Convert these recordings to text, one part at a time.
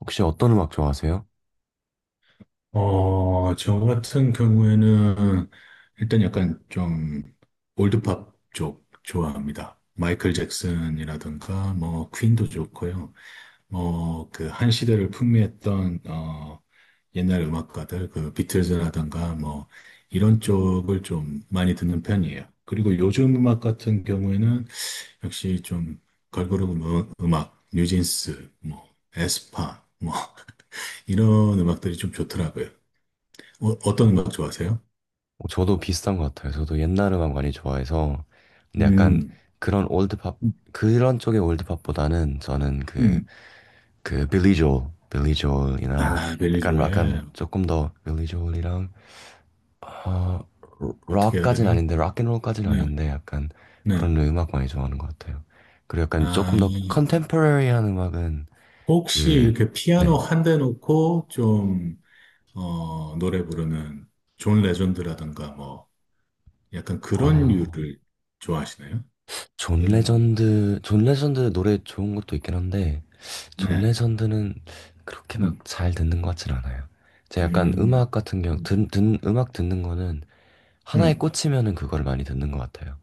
혹시 어떤 음악 좋아하세요? 저 같은 경우에는 일단 약간 좀 올드팝 쪽 좋아합니다. 마이클 잭슨이라든가 뭐 퀸도 좋고요. 뭐 그 한 시대를 풍미했던 옛날 음악가들, 그 비틀즈라든가 뭐 이런 쪽을 좀 많이 듣는 편이에요. 그리고 요즘 음악 같은 경우에는 역시 좀 걸그룹 음악, 뉴진스, 뭐 에스파, 뭐 이런 음악들이 좀 좋더라고요. 어떤 음악 좋아하세요? 저도 비슷한 것 같아요. 저도 옛날 음악 많이 좋아해서. 근데 약간 음, 그런 올드팝 음, 그런 쪽의 올드팝보다는 저는 그 음. 그 빌리 조엘이나 아, 약간 벨리조에. 약간 조금 더 빌리 조엘이랑 어 어떻게 해야 록까지는 되나? 아닌데 락앤롤까지는 네, 아닌데 약간 네. 그런 음악 많이 좋아하는 것 같아요. 그리고 약간 아, 조금 더 컨템포러리한 음악은 혹시 그 이렇게 피아노 네. 한 대 놓고 좀, 노래 부르는 존 레전드라든가 뭐, 약간 그런 어, 류를 좋아하시나요? 존 음, 레전드 존 레전드 노래 좋은 것도 있긴 한데 존 네. 레전드는 그렇게 막 음, 잘 듣는 것 같진 않아요. 제가 약간 음, 음악 같은 경우, 음. 음악 듣는 거는 하나에 음. 꽂히면은 그거를 많이 듣는 것 같아요.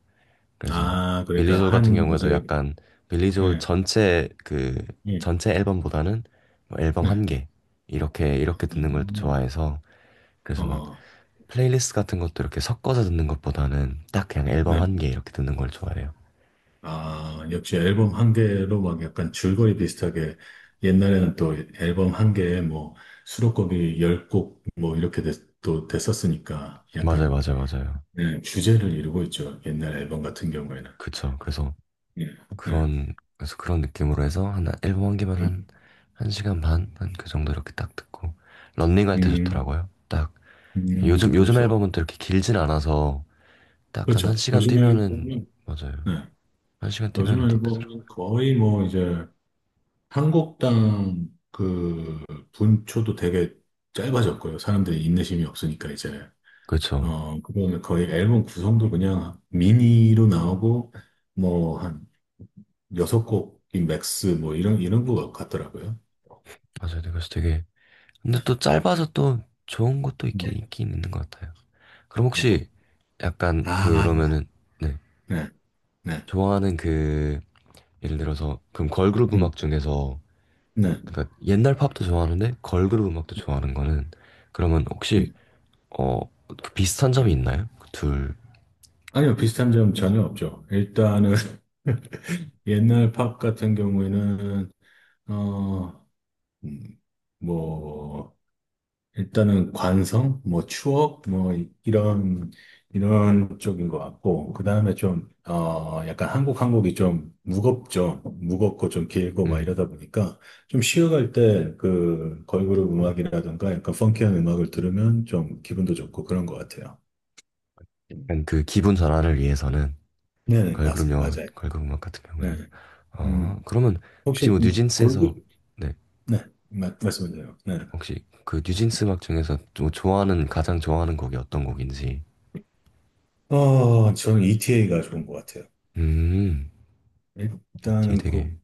그래서 아, 빌리 그러니까 조엘 같은 한, 경우에도 이제, 약간 빌리 조엘 네, 전체 네, 전체 앨범보다는 뭐 앨범 네. 한 개 이렇게 듣는 걸 음, 좋아해서. 어, 그래서 막 어. 플레이리스트 같은 것도 이렇게 섞어서 듣는 것보다는 딱 그냥 앨범 네. 한 개 이렇게 듣는 걸 좋아해요. 아, 역시 앨범 한 개로 막 약간 줄거리 비슷하게 옛날에는 또 앨범 한 개에 뭐 수록곡이 열 곡 뭐 이렇게 또 됐었으니까 맞아요, 약간, 맞아요, 맞아요. 네, 주제를 이루고 있죠. 옛날 앨범 같은 경우에는. 그쵸. 그래서 예, 네. 그런 느낌으로 해서 한 앨범 한 개만 음, 한 한 시간 반 한 그 정도 이렇게 딱 듣고 런닝 할 때 음, 좋더라고요. 딱. 요즘 그렇죠. 앨범은 또 이렇게 길진 않아서 딱 한 한 그렇죠. 시간 요즘에 뛰면은. 보면, 맞아요. 네. 한 시간 뛰면은 요즘에 딱 되더라고요. 보면 거의 뭐 이제 한 곡당 그 분초도 되게 짧아졌고요. 사람들이 인내심이 없으니까 이제. 그렇죠. 그거는 거의 앨범 구성도 그냥 미니로 나오고, 뭐, 한 여섯 곡이 맥스, 뭐, 이런 거 같더라고요. 맞아요. 네, 그래서 되게 근데 네. 또 짧아서 또 좋은 것도 있긴 네. 있긴 있는 것 같아요. 그럼 혹시 약간 아, 그러면은, 네, 네, 네, 좋아하는 그 예를 들어서 그럼 걸그룹 음, 음악 중에서, 네, 그러니까 옛날 팝도 좋아하는데 걸그룹 음악도 네, 좋아하는 거는, 그러면 혹시 음, 어 비슷한 네. 점이 있나요? 그 둘. 아니요, 비슷한 점 전혀 없죠. 일단은, 옛날 팝 같은 경우에는, 어, 음, 뭐, 일단은 관성, 뭐 추억, 뭐 이런 쪽인 것 같고, 그 다음에 좀 약간 한국이 좀 무겁죠. 무겁고 좀 길고 막 음, 이러다 보니까 좀 쉬어갈 때 그 걸그룹 음악이라든가 약간 펑키한 음악을 들으면 좀 기분도 좋고 그런 것 같아요. 약간 그 기분 전환을 위해서는 네, 네, 맞, 맞아요. 걸그룹 음악 같은 경우에는. 네, 아 음. 그러면 혹시 혹시 뭐 뉴진스에서, 걸그룹. 네, 네, 말씀하세요. 네, 혹시 그 뉴진스 음악 중에서 좀 좋아하는 가장 좋아하는 곡이 어떤 곡인지. 저는 ETA가 좋은 것 같아요. 음 ETA 일단은 그. 되게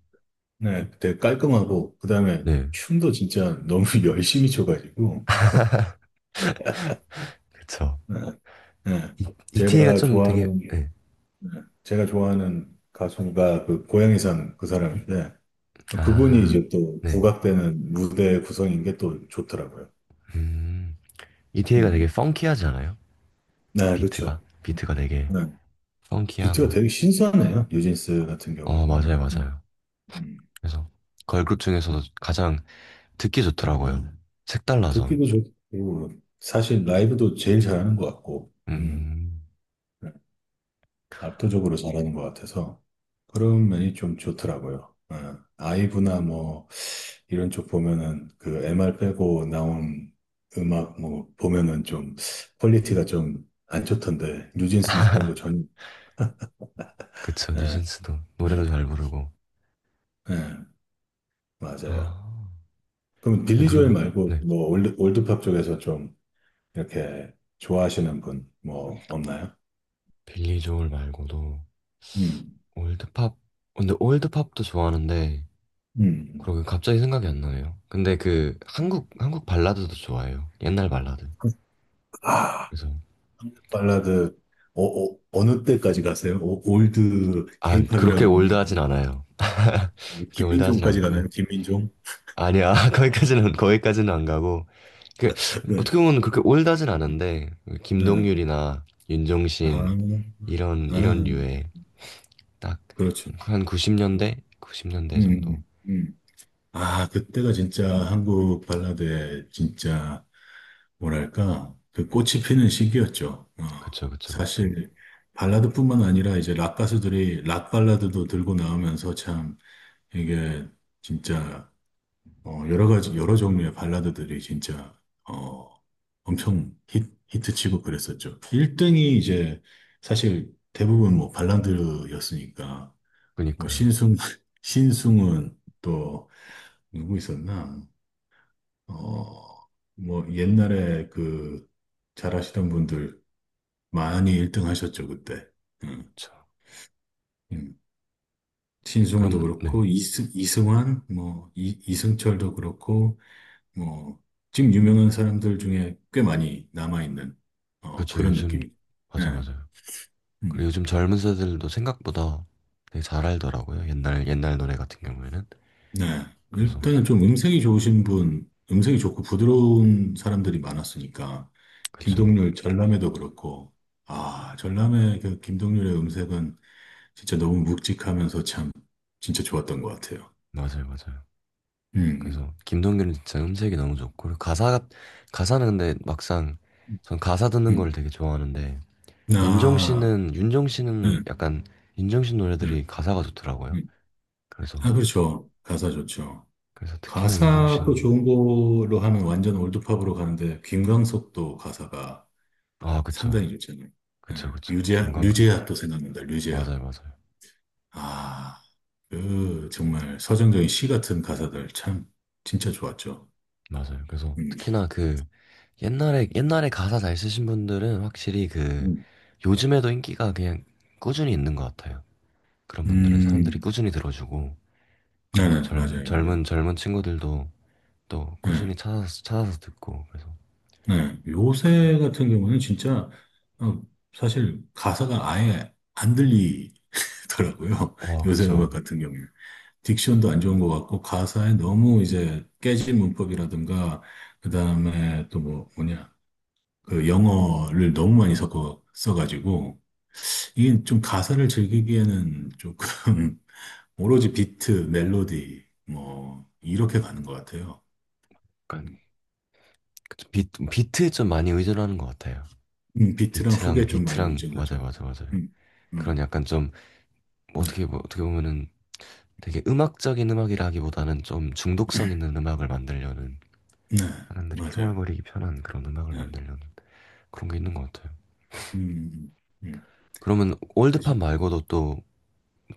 네, 되게 깔끔하고, 그 다음에 네 춤도 진짜 너무 열심히 춰가지고, 그쵸. 네, 네. 이, ETA가 제가 좀 되게 좋아하는, 네. 네, 제가 좋아하는 가수가 그 고양이산 그 사람인데, 그분이 아, 이제 또 네. 부각되는 무대 구성인 게 또 좋더라고요. 음, 음, ETA가 되게 음. 펑키하지 않아요? 네, 그렇죠. 비트가 되게 네, 비트가 펑키하고. 되게 신선해요, 뉴진스 같은 경우에는. 맞아요, 맞아요. 음. 그래서 걸그룹 네. 중에서도 가장 듣기 좋더라고요, 색달라서. 듣기도 좋고, 사실 라이브도 제일 잘하는 것 같고, 네. 음, 압도적으로 잘하는 것 같아서 그런 면이 좀 좋더라고요. 예. 아이브나 뭐 이런 쪽 보면은 그 MR 빼고 나온 음악 뭐 보면은 좀 퀄리티가 좀 안 좋던데, 뉴진스는 그런 거 전. 그쵸. 예, 뉴진스도 예, 노래도 잘 부르고. 예, 맞아요. 아 그럼 빌리 근데 조엘 그러면, 말고 네, 뭐 올드팝 쪽에서 좀 이렇게 좋아하시는 분 뭐 없나요? 빌리 조엘 말고도 음, 올드팝 근데 올드팝도 좋아하는데 음, 음. 그러게 갑자기 생각이 안 나네요. 근데 그 한국 발라드도 좋아해요, 옛날 발라드. 아. 그래서. 한국 발라드. 느 때까지 가세요? 올드 케이팝이라 그렇게 올드하진 그러면 않아요. 뭐 그렇게 올드하진 김민종까지 않고. 가나요? 김민종? 아니야. 거기까지는 안 가고, 그 네. 어떻게 보면 그렇게 올드하진 네. 않은데 네. 김동률이나 아, 윤종신 이런 아, 이런 류의 그렇죠. 딱한 음, 90년대 정도. 음. 아, 그때가 진짜 한국 발라드의 진짜 뭐랄까 그 꽃이 피는 시기였죠. 어, 그쵸, 그쵸, 그쵸. 사실 발라드뿐만 아니라 이제 락 가수들이 락 발라드도 들고 나오면서 참 이게 진짜 어, 여러 가지, 여러 종류의 발라드들이 진짜, 어, 엄청 히, 히트치고 그랬었죠. 1등이 이제 사실 대부분 뭐 발라드였으니까. 뭐 그니까요. 신승은 또 누구 있었나? 어, 뭐 옛날에 그 잘하시던 분들 많이 1등 하셨죠, 그때. 음, 그쵸. 음. 신승훈도 그럼, 네. 그렇고, 이승환, 뭐, 이, 이승철도 그렇고, 뭐 지금 유명한 사람들 중에 꽤 많이 남아있는, 어, 그쵸 그런 요즘, 느낌이죠. 맞아, 네. 맞아요. 그리고 음. 요즘 젊은 세대들도 생각보다 되게 잘 알더라고요. 옛날 노래 같은 경우에는. 네. 그래서. 일단은 좀 음색이 좋으신 분, 음색이 좋고 부드러운 사람들이 많았으니까. 그쵸. 김동률 전람회도 그렇고, 아, 전람회 그 김동률의 음색은 진짜 너무 묵직하면서 참 진짜 좋았던 것 같아요. 맞아요, 맞아요. 음. 그래서 김동률은 진짜 음색이 너무 좋고 그리고 가사가 가사는 근데 막상 음. 전 가사 듣는 걸 음. 되게 좋아하는데 윤종 아, 씨는 윤종 네, 씨는 약간 윤종 신 네, 노래들이 가사가 좋더라고요. 음. 그래서 아, 그렇죠. 가사 좋죠. 그래서 특히나 윤종 신아. 가사도 좋은 걸로 하면 완전 올드팝으로 가는데 김광석도 가사가 그쵸, 상당히 좋잖아요. 예. 그쵸, 그쵸. 류제아, 김광석도. 류제아 또 생각난다. 류제아. 맞아요, 맞아요, 아, 그 정말 서정적인 시 같은 가사들 참 진짜 좋았죠. 맞아요. 그래서 음, 특히나 그 옛날에 가사 잘 쓰신 분들은 확실히 음, 요즘에도 인기가 그냥 꾸준히 있는 것 같아요. 그런 분들은 사람들이 음, 꾸준히 들어주고, 그리고 또 네네, 젊, 맞아요, 맞아요. 젊은 젊은 친구들도 또 네, 꾸준히 찾아서 듣고, 그래서. 네. 그런- 요새 같은 경우는 진짜, 어, 사실 가사가 아예 안 들리더라고요. 와 요새 음악 그쵸. 같은 경우는. 딕션도 안 좋은 것 같고 가사에 너무 이제 깨진 문법이라든가, 그다음에 또 뭐 뭐냐, 그 영어를 너무 많이 섞어 써가지고, 이게 좀 가사를 즐기기에는 조금 오로지 비트, 멜로디 뭐 이렇게 가는 것 같아요. 그러니까 음, 그쵸. 비트에 좀 많이 의존하는 것 같아요. 비트랑 비트랑 훅에 좀 많이 비트랑 움직여죠. 맞아요, 맞아요, 맞아요. 음, 그런 음, 약간 좀뭐 어떻게 보면은 되게 음악적인 음악이라기보다는 좀 중독성 있는 음악을 만들려는, 네, 사람들이 맞아요. 흥얼거리기 편한 그런 음악을 네, 만들려는 그런 게 있는 것 같아요. 음, 음. 그러면 대신, 올드팝 말고도 또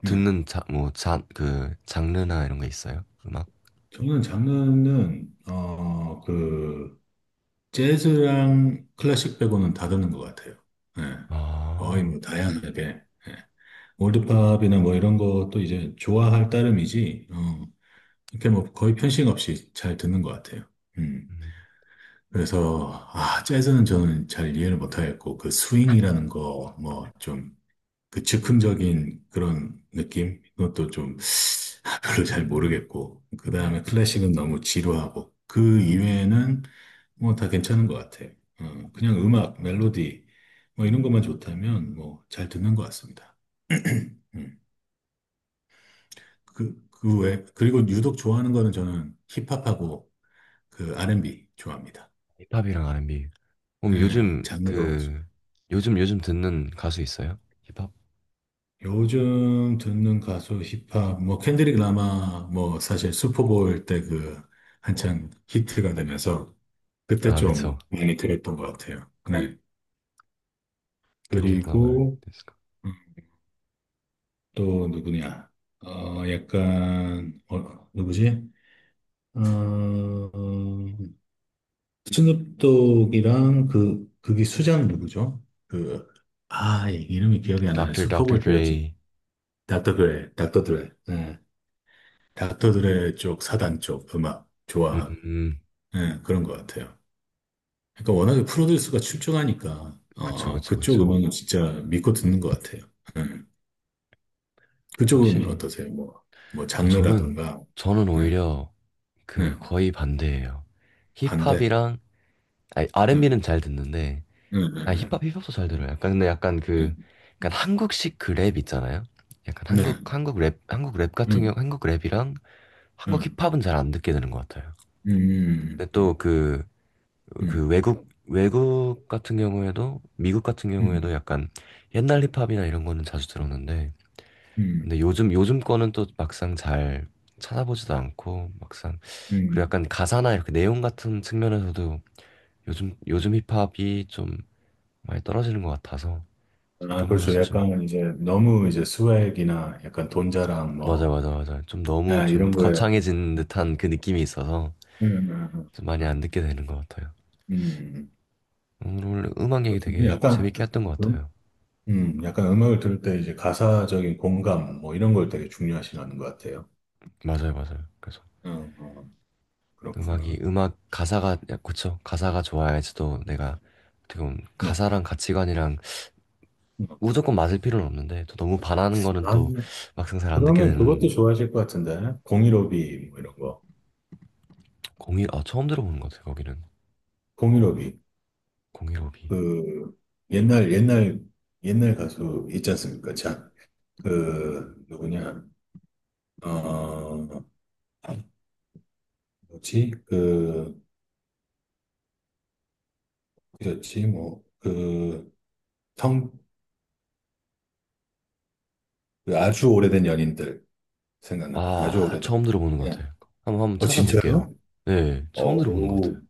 네. 듣는 그 장르나 이런 게 있어요, 음악? 저는 장르는 어그 재즈랑 클래식 빼고는 다 듣는 것 같아요. 예. 거의 아 뭐 다양하게. 예. 올드팝이나 뭐 이런 것도 이제 좋아할 따름이지, 어, 이렇게 뭐 거의 편식 없이 잘 듣는 것 같아요. 음. 음, 그래서, 아, 재즈는 저는 잘 이해를 못하겠고, 그 스윙이라는 거, 뭐 좀, 그 즉흥적인 그런 느낌? 그것도 좀 별로 잘 모르겠고, 그 다음에 클래식은 너무 지루하고, 그 이외에는 뭐 다 괜찮은 것 같아. 그냥 음악, 멜로디, 뭐 이런 것만 좋다면 뭐 잘 듣는 것 같습니다. 음, 그, 그 외, 그리고 유독 좋아하는 거는 저는 힙합하고 그 R&B 좋아합니다. 힙합이랑 R&B. 그럼 예, 요즘 장르로. 요즘 듣는 가수 있어요? 힙합? 요즘 듣는 가수 힙합 뭐 켄드릭 라마. 뭐 사실 슈퍼볼 때 그 한창 히트가 되면서 그때 그쵸. 좀 많이 들었던 것 같아요. 네. Kendrick Lamar, 그리고 디스코. 또 누구냐? 어 약간 어 누구지? 어 스눕독이랑 그 그게 수장 누구죠? 그, 아, 이름이 기억이 안 나네. Dr. 슈퍼볼 때였죠. Dre. 닥터 드레. 닥터들의 쪽, 사단 쪽 음악 좋아하고, 음. 예, 그런 것 같아요. 그러니까 워낙에 프로듀스가 출중하니까, 그쵸, 어, 그쵸, 그쪽 그쵸. 음악은 진짜 믿고 듣는 것 같아요. 예. 그쪽은 확실히. 어떠세요? 뭐, 뭐, 아 저는 장르라든가, 저는 네, 오히려 네, 거의 반대예요. 반대, 힙합이랑, 아니, 네, R&B는 잘 듣는데. 네, 네, 네, 힙합도 잘 들어요. 약간 근데 약간 네, 그 약간 한국식 그 랩 있잖아요. 약간 네, 네, 한국 랩 한국 랩 같은 음, 경우 한국 랩이랑 한국 음, 힙합은 잘 안 듣게 되는 것 같아요. 근데 또 음, 외국 같은 경우에도, 미국 같은 음, 경우에도 약간 옛날 힙합이나 이런 거는 자주 들었는데, 음, 근데 요즘 거는 또 막상 잘 찾아보지도 않고, 막상, 그리고 음. 약간 가사나 이렇게 내용 같은 측면에서도 요즘 힙합이 좀 많이 떨어지는 것 같아서, 아, 그런 그렇죠. 면에서 좀. 약간 이제 너무 이제 스웩이나 약간 돈 자랑 맞아, 뭐, 맞아, 맞아. 좀 너무 아, 좀 이런 거에, 거창해진 음, 듯한 그 느낌이 있어서 좀 많이 음. 안 듣게 되는 것 같아요. 음, 오늘 음악 얘기 그렇군요. 되게 약간, 재밌게 했던 것 음, 같아요. 약간 음악을 들을 때 이제 가사적인 공감, 뭐 이런 걸 되게 중요하시는 것 같아요. 맞아요, 맞아요. 그래서 어, 그렇구나. 음악 가사가 그쵸. 가사가 좋아야지 또 내가 어떻게 보면 네. 가사랑 가치관이랑 음. 무조건 맞을 필요는 없는데 또 너무 반하는 거는 아, 또 막상 잘 안 듣게 그러면 되는. 그것도 좋아하실 것 같은데. 015B, 뭐 이런 거. 공이 아 처음 들어보는 것 같아요, 거기는. 015B. 공일오비. 그, 옛날, 옛날, 옛날 가수 있지 않습니까? 참. 그, 누구냐. 어, 뭐지? 그, 그렇지. 뭐, 그, 성, 그 아주 오래된 연인들. 생각난다. 아주 오래된. 처음 들어보는 것 그냥. 같아요. 한번 어, 찾아볼게요. 진짜요? 네, 처음 들어보는 것 오, 같아요.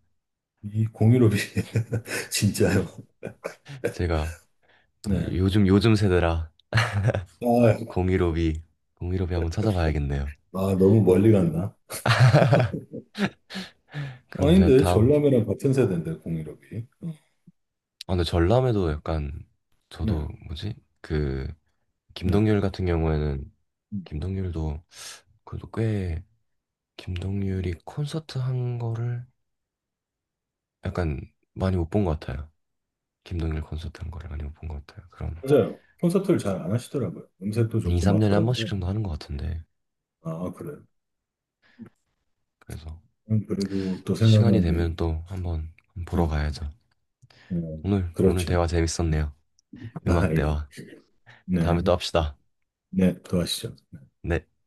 이 공유롭이. 진짜요? 제가 또 네. 요즘 세대라. 아, 공일오비 공일오비 한번 찾아봐야겠네요. 아, 너무 멀리 갔나? 그럼 제가 아닌데, 다음, 전람회랑 같은 세대인데, 공유롭이. 어, 근데 전람회도 약간, 저도 네, 뭐지. 그 네. 김동률 같은 경우에는 음, 김동률도 그래도 꽤 김동률이 콘서트 한 거를 약간 많이 못 본 것 같아요. 김동률 콘서트 한 거를 많이 못 본 것 같아요. 그런. 맞아요. 콘서트를 잘 안 하시더라고요. 음색도 한 2, 좋고 막 3년에 한 번씩 그런데. 정도 하는 것 같은데. 아, 그래요. 그래서 그리고 또 시간이 생각나는 게, 되면 또 한번 보러 네. 가야죠. 오늘 그렇죠. 대화 음, 재밌었네요. 아, 음악 예. 대화. 다음에 네, 또 합시다. 네, 또 하시죠. 네.